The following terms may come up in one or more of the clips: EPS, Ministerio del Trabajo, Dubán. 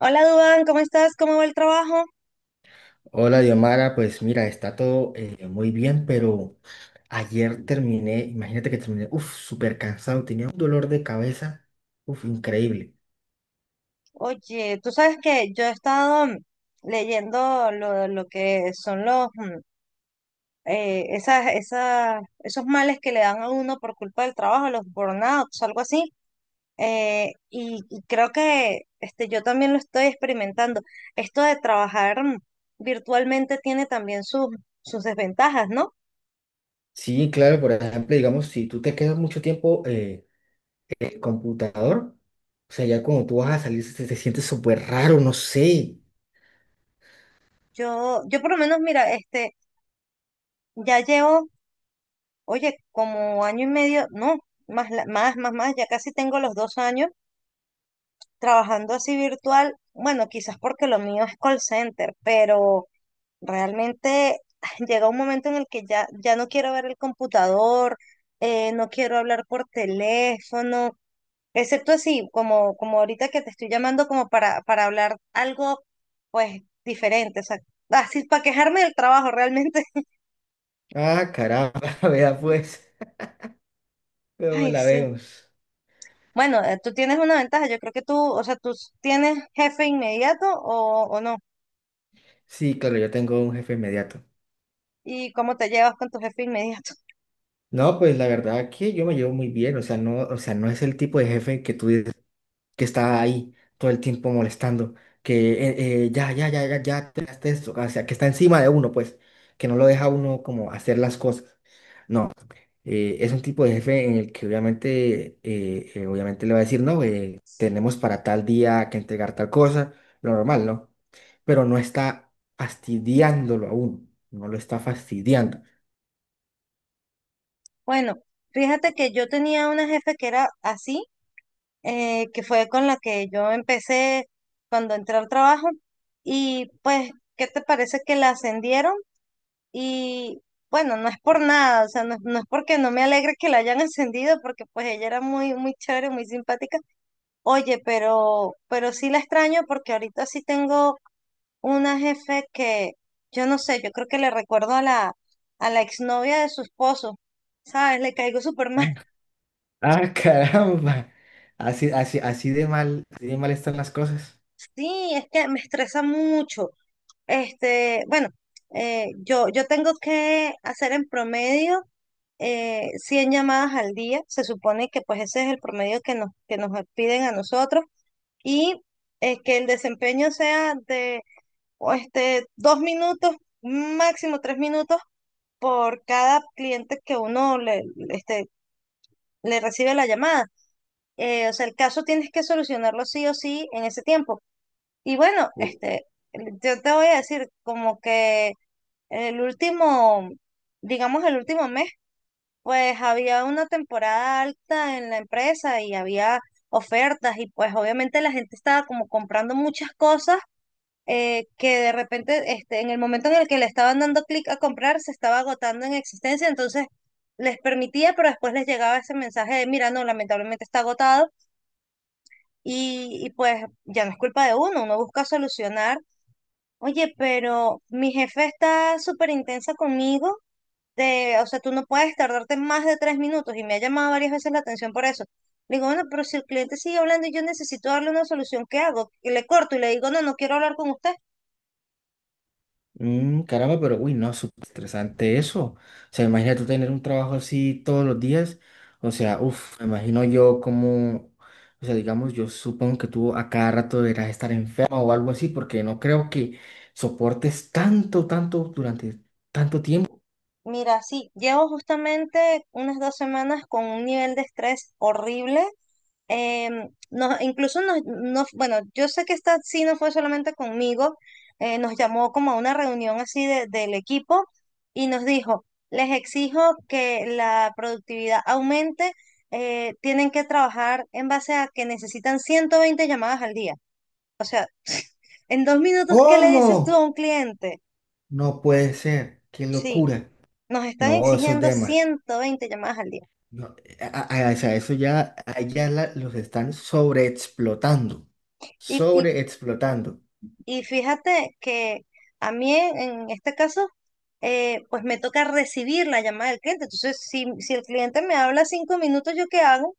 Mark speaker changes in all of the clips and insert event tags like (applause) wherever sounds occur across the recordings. Speaker 1: Hola Dubán, ¿cómo estás? ¿Cómo va el trabajo?
Speaker 2: Hola, Diomara. Pues mira, está todo muy bien, pero ayer terminé, imagínate que terminé, uff, súper cansado, tenía un dolor de cabeza, uff, increíble.
Speaker 1: Oye, tú sabes que yo he estado leyendo lo que son los esos males que le dan a uno por culpa del trabajo, los burnouts, algo así. Y creo que este, yo también lo estoy experimentando. Esto de trabajar virtualmente tiene también sus desventajas, ¿no?
Speaker 2: Sí, claro, por ejemplo, digamos, si tú te quedas mucho tiempo en el computador, o sea, ya cuando tú vas a salir se te sientes súper raro, no sé.
Speaker 1: Yo por lo menos, mira, este, ya llevo, oye, como año y medio, no, más, más, ya casi tengo los 2 años trabajando así virtual. Bueno, quizás porque lo mío es call center, pero realmente (laughs) (sighs) llega un momento en el que ya no quiero ver el computador, no quiero hablar por teléfono, excepto así, como ahorita que te estoy llamando como para hablar algo, pues, diferente, o sea, así para quejarme del trabajo realmente. (laughs)
Speaker 2: Ah, caramba, (laughs) vea pues, luego
Speaker 1: Ay,
Speaker 2: la
Speaker 1: sí.
Speaker 2: vemos.
Speaker 1: Bueno, tú tienes una ventaja, yo creo que tú, o sea, tú tienes jefe inmediato o no.
Speaker 2: Sí, claro, yo tengo un jefe inmediato.
Speaker 1: ¿Y cómo te llevas con tu jefe inmediato? (laughs)
Speaker 2: No, pues la verdad que yo me llevo muy bien, o sea, no es el tipo de jefe que tú que está ahí todo el tiempo molestando, que ya, ya, ya, ya, ya, terminaste esto, o sea, que está encima de uno, pues, que no lo deja a uno como hacer las cosas. No, es un tipo de jefe en el que obviamente, obviamente le va a decir, no, tenemos para tal día que entregar tal cosa, lo normal, ¿no? Pero no está fastidiándolo a uno, no lo está fastidiando.
Speaker 1: Bueno, fíjate que yo tenía una jefe que era así, que fue con la que yo empecé cuando entré al trabajo. Y pues, ¿qué te parece que la ascendieron? Y bueno, no es por nada, o sea, no, no es porque no me alegre que la hayan (laughs) ascendido, porque pues ella era muy, muy chévere, muy simpática. Oye, pero sí la extraño porque ahorita sí tengo una jefe que, yo no sé, yo creo que le recuerdo a la exnovia de su esposo, ¿sabes? Le caigo súper
Speaker 2: (laughs) Ah,
Speaker 1: mal. (laughs)
Speaker 2: ah, caramba. Así, así, así de mal están las cosas.
Speaker 1: Sí, es que me estresa mucho. Este, bueno, yo tengo que hacer en promedio 100 llamadas al día. Se supone que pues ese es el promedio que nos piden a nosotros. Y que el desempeño sea de o este, 2 minutos, máximo 3 minutos por cada cliente que uno le, este, le recibe la llamada. O sea, el caso tienes que solucionarlo sí o sí en ese tiempo. Y bueno, este, yo te voy a decir como que el último, digamos el último mes, pues había una temporada alta en la empresa y había ofertas y pues obviamente la gente estaba como comprando muchas cosas que de repente este, en el momento en el que le estaban dando clic a comprar se estaba agotando en existencia, entonces les permitía, pero después les llegaba ese mensaje de, mira, no, lamentablemente está agotado. Y pues ya no es culpa de uno, uno busca solucionar. Oye, pero mi jefe está súper intensa conmigo, o sea, tú no puedes tardarte más de 3 minutos y me ha llamado varias veces la atención por eso. Le digo, bueno, pero si el cliente sigue hablando y yo necesito darle una solución, ¿qué hago? Y le corto y le digo, no, no quiero hablar con usted.
Speaker 2: Mm, caramba, pero uy, no, súper estresante eso. O sea, imagina tú tener un trabajo así todos los días. O sea, uff, me imagino yo como, o sea, digamos, yo supongo que tú a cada rato deberás estar enfermo o algo así, porque no creo que soportes tanto, tanto durante tanto tiempo.
Speaker 1: Mira, sí, llevo justamente unas 2 semanas con un nivel de estrés horrible. Incluso bueno, yo sé que esta sí no fue solamente conmigo, nos llamó como a una reunión así del equipo y nos dijo, les exijo que la productividad aumente, tienen que trabajar en base a que necesitan 120 llamadas al día. En 2 minutos, ¿qué le dices tú
Speaker 2: ¿Cómo?
Speaker 1: a un cliente?
Speaker 2: No puede ser, qué
Speaker 1: Sí,
Speaker 2: locura.
Speaker 1: nos están
Speaker 2: No, eso es
Speaker 1: exigiendo
Speaker 2: dema.
Speaker 1: 120 llamadas al día.
Speaker 2: No, a- o sea, eso ya, allá los están sobreexplotando,
Speaker 1: Y, y
Speaker 2: sobreexplotando.
Speaker 1: Y fíjate que a mí en este caso, pues me toca recibir la llamada del cliente. Entonces, si el cliente me habla 5 minutos, ¿yo qué hago?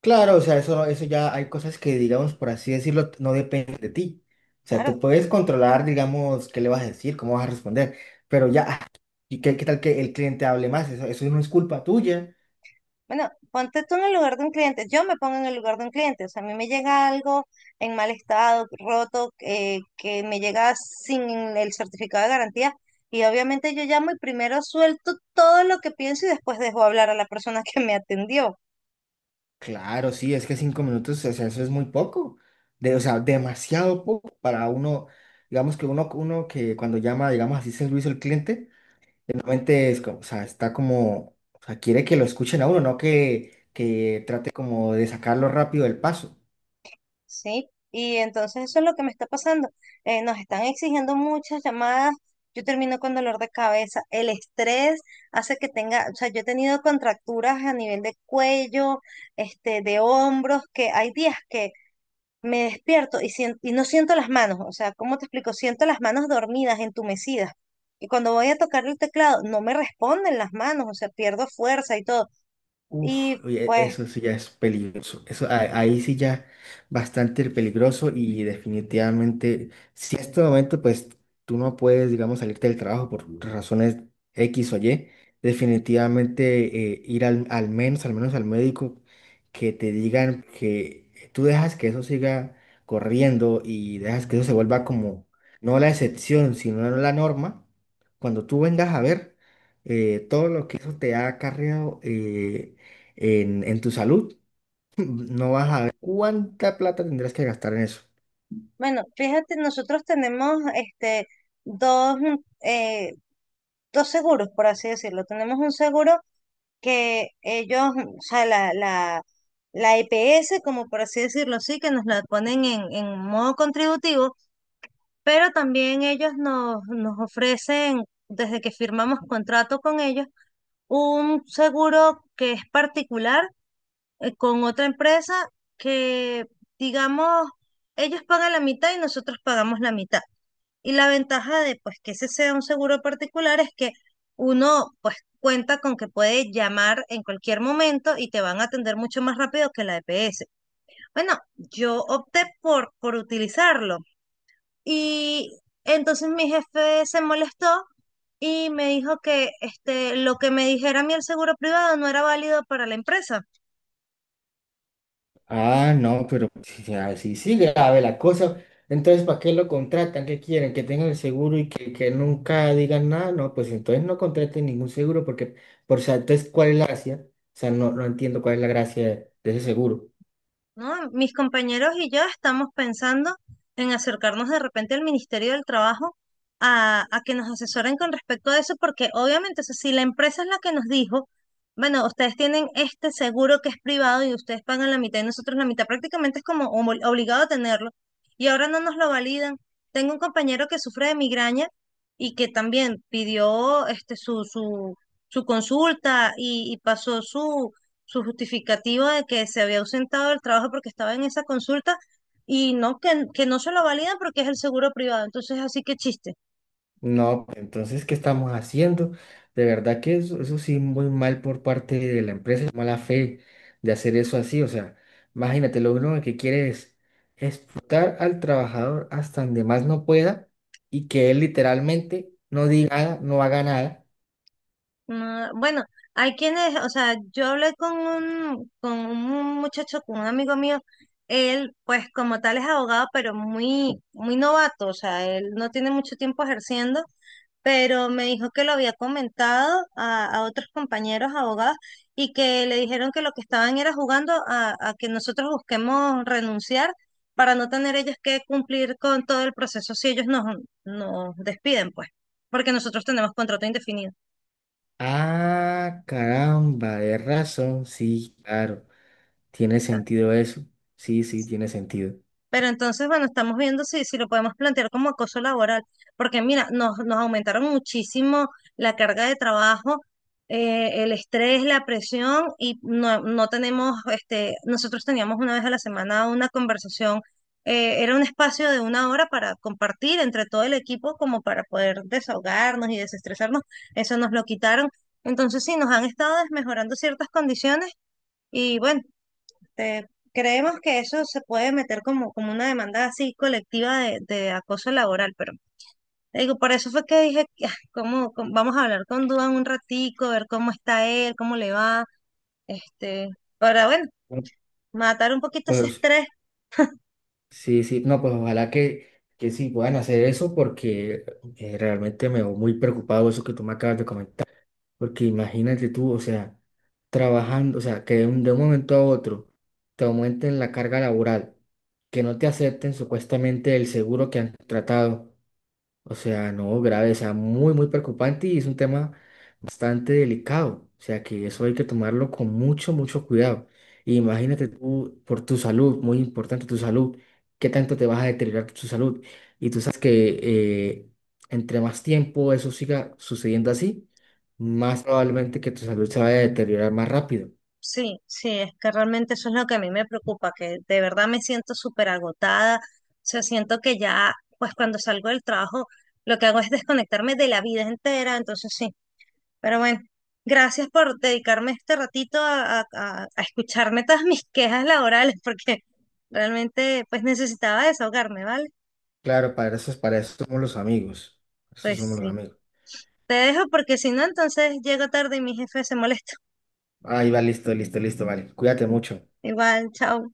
Speaker 2: Claro, o sea, eso, no- eso ya hay cosas que, digamos, por así decirlo, no dependen de ti. O sea,
Speaker 1: Claro,
Speaker 2: tú puedes controlar, digamos, qué le vas a decir, cómo vas a responder, pero ya, ah, ¿y qué, qué tal que el cliente hable más? Eso no es culpa tuya.
Speaker 1: bueno, ponte tú en el lugar de un cliente. Yo me pongo en el lugar de un cliente. O sea, a mí me llega algo en mal estado, roto, que me llega sin el certificado de garantía. Y obviamente yo llamo y primero suelto todo lo que pienso y después dejo hablar a la persona (laughs) que me atendió.
Speaker 2: Claro, sí, es que cinco minutos, o sea, eso es muy poco. De, o sea, demasiado poco para uno, digamos que uno, uno que cuando llama, digamos, así servicio al cliente, normalmente es como, o sea, está como, o sea, quiere que lo escuchen a uno, no que, que trate como de sacarlo rápido del paso.
Speaker 1: Sí, y entonces eso es lo que me está pasando. Nos están exigiendo muchas llamadas. Yo termino con dolor de cabeza. El estrés hace que tenga, o sea, yo he tenido contracturas a nivel de cuello, este, de hombros, que hay días que me despierto y, y no siento las manos. O sea, ¿cómo te explico? Siento las manos dormidas, entumecidas. Y cuando voy a tocar el teclado, no me responden las manos, o sea, pierdo fuerza y todo.
Speaker 2: Uf,
Speaker 1: Y
Speaker 2: oye,
Speaker 1: pues
Speaker 2: eso sí ya es peligroso. Eso, a- ahí sí ya bastante peligroso y definitivamente, si en este momento pues tú no puedes, digamos, salirte del trabajo por razones X o Y, definitivamente ir al, al menos, al menos al médico, que te digan que tú dejas que eso siga corriendo y dejas que eso se vuelva como, no la excepción, sino la norma, cuando tú vengas a ver todo lo que eso te ha acarreado. En tu salud, (laughs) no vas a ver cuánta plata tendrás que gastar en eso.
Speaker 1: Bueno, fíjate, nosotros tenemos este dos, mm, eh, dos seguros, por así decirlo. Tenemos un seguro que ellos, o sea, la EPS, como por así decirlo, sí, que nos la ponen en modo contributivo, pero también ellos nos ofrecen, desde que firmamos contrato con ellos, un seguro que es particular, con otra empresa que, digamos, ellos pagan la mitad y nosotros pagamos la mitad. Y la ventaja de pues que ese sea un seguro particular es que uno pues cuenta con que puede llamar en cualquier momento y te van a atender mucho más rápido que la EPS. Bueno, yo opté por utilizarlo y entonces mi jefe se molestó y me dijo que este, lo que me dijera a mí el seguro privado no era válido para la empresa.
Speaker 2: Ah, no, pero si así sigue grave la cosa, entonces ¿para qué lo contratan? ¿Qué quieren? ¿Que tengan el seguro y que nunca digan nada? No, pues entonces no contraten ningún seguro porque, por, o sea, entonces ¿cuál es la gracia? O sea, no, no entiendo cuál es la gracia de ese seguro.
Speaker 1: ¿No? Mis compañeros y yo estamos pensando en acercarnos de repente al Ministerio del Trabajo a que nos asesoren con respecto a eso, porque obviamente, o sea, si la empresa es la que nos dijo, bueno, ustedes tienen este seguro que es privado y ustedes pagan la mitad y nosotros la mitad, prácticamente es como obligado a tenerlo, y ahora no nos lo validan. Tengo un compañero que sufre de migraña y que también pidió este, su consulta y pasó su justificativa de que se había ausentado del trabajo porque estaba en esa consulta y no, que no se lo validan porque es el seguro privado. Entonces, así que chiste.
Speaker 2: No, entonces, ¿qué estamos haciendo? De verdad que eso sí, muy mal por parte de la empresa, mala fe de hacer eso así. O sea, imagínate, lo único que quiere es explotar al trabajador hasta donde más no pueda y que él literalmente no diga nada, no haga nada.
Speaker 1: No, bueno, hay quienes, o sea, yo hablé con un muchacho, con un amigo mío, él pues como tal es abogado, pero muy, muy novato, o sea, él no tiene mucho tiempo ejerciendo pero me dijo que lo había comentado a otros compañeros abogados y que le dijeron que lo que estaban era jugando a que nosotros busquemos renunciar para no tener ellos que cumplir con todo el proceso si ellos nos despiden, pues, porque nosotros tenemos contrato indefinido.
Speaker 2: Ah, caramba, de razón. Sí, claro, tiene sentido eso. Sí, sí, tiene sentido.
Speaker 1: Pero entonces, bueno, estamos viendo si lo podemos plantear como acoso laboral, porque mira, nos aumentaron muchísimo la carga de trabajo, el estrés, la presión, y no, no tenemos, este, nosotros teníamos una vez a la semana una conversación, era un espacio de una hora para compartir entre todo el equipo, como para poder desahogarnos y desestresarnos, eso nos lo quitaron. Entonces, sí, nos han estado desmejorando ciertas condiciones y bueno. Este, creemos que eso se puede meter como una demanda así colectiva de acoso laboral, pero te digo, por eso fue que dije, (laughs) como vamos a hablar con Duan un ratico, ver cómo está él, cómo le va, este, para, bueno, matar un poquito ese
Speaker 2: Pues
Speaker 1: estrés.
Speaker 2: sí, sí, no, pues ojalá que sí puedan hacer eso porque realmente me veo muy preocupado eso que tú me acabas de comentar. Porque imagínate tú, o sea, trabajando, o sea, que de un momento a otro te aumenten la carga laboral, que no te acepten supuestamente el seguro que han tratado, o sea, no, grave, o sea, muy, muy preocupante y es un tema bastante delicado. O sea, que eso hay que tomarlo con mucho, mucho cuidado. Y imagínate tú, por tu salud, muy importante tu salud, qué tanto te vas a deteriorar tu salud. Y tú sabes que eh, entre más tiempo eso siga sucediendo así, más probablemente que tu salud se vaya a deteriorar más rápido.
Speaker 1: Sí, sí, es que realmente eso es lo que a mí me preocupa, que de verdad me siento súper agotada, o sea, siento que ya, pues cuando salgo del trabajo, lo que hago es desconectarme de la vida entera, entonces. Pero bueno, gracias por dedicarme este ratito a escucharme todas mis quejas laborales, (laughs) porque realmente pues necesitaba desahogarme, ¿vale?
Speaker 2: Claro, para eso somos los amigos. Eso
Speaker 1: Pues
Speaker 2: somos los
Speaker 1: sí.
Speaker 2: amigos.
Speaker 1: Te dejo porque si no, entonces llego tarde y mi jefe se molesta.
Speaker 2: Ahí va, listo, listo, listo, vale. Cuídate mucho.
Speaker 1: Igual, chao.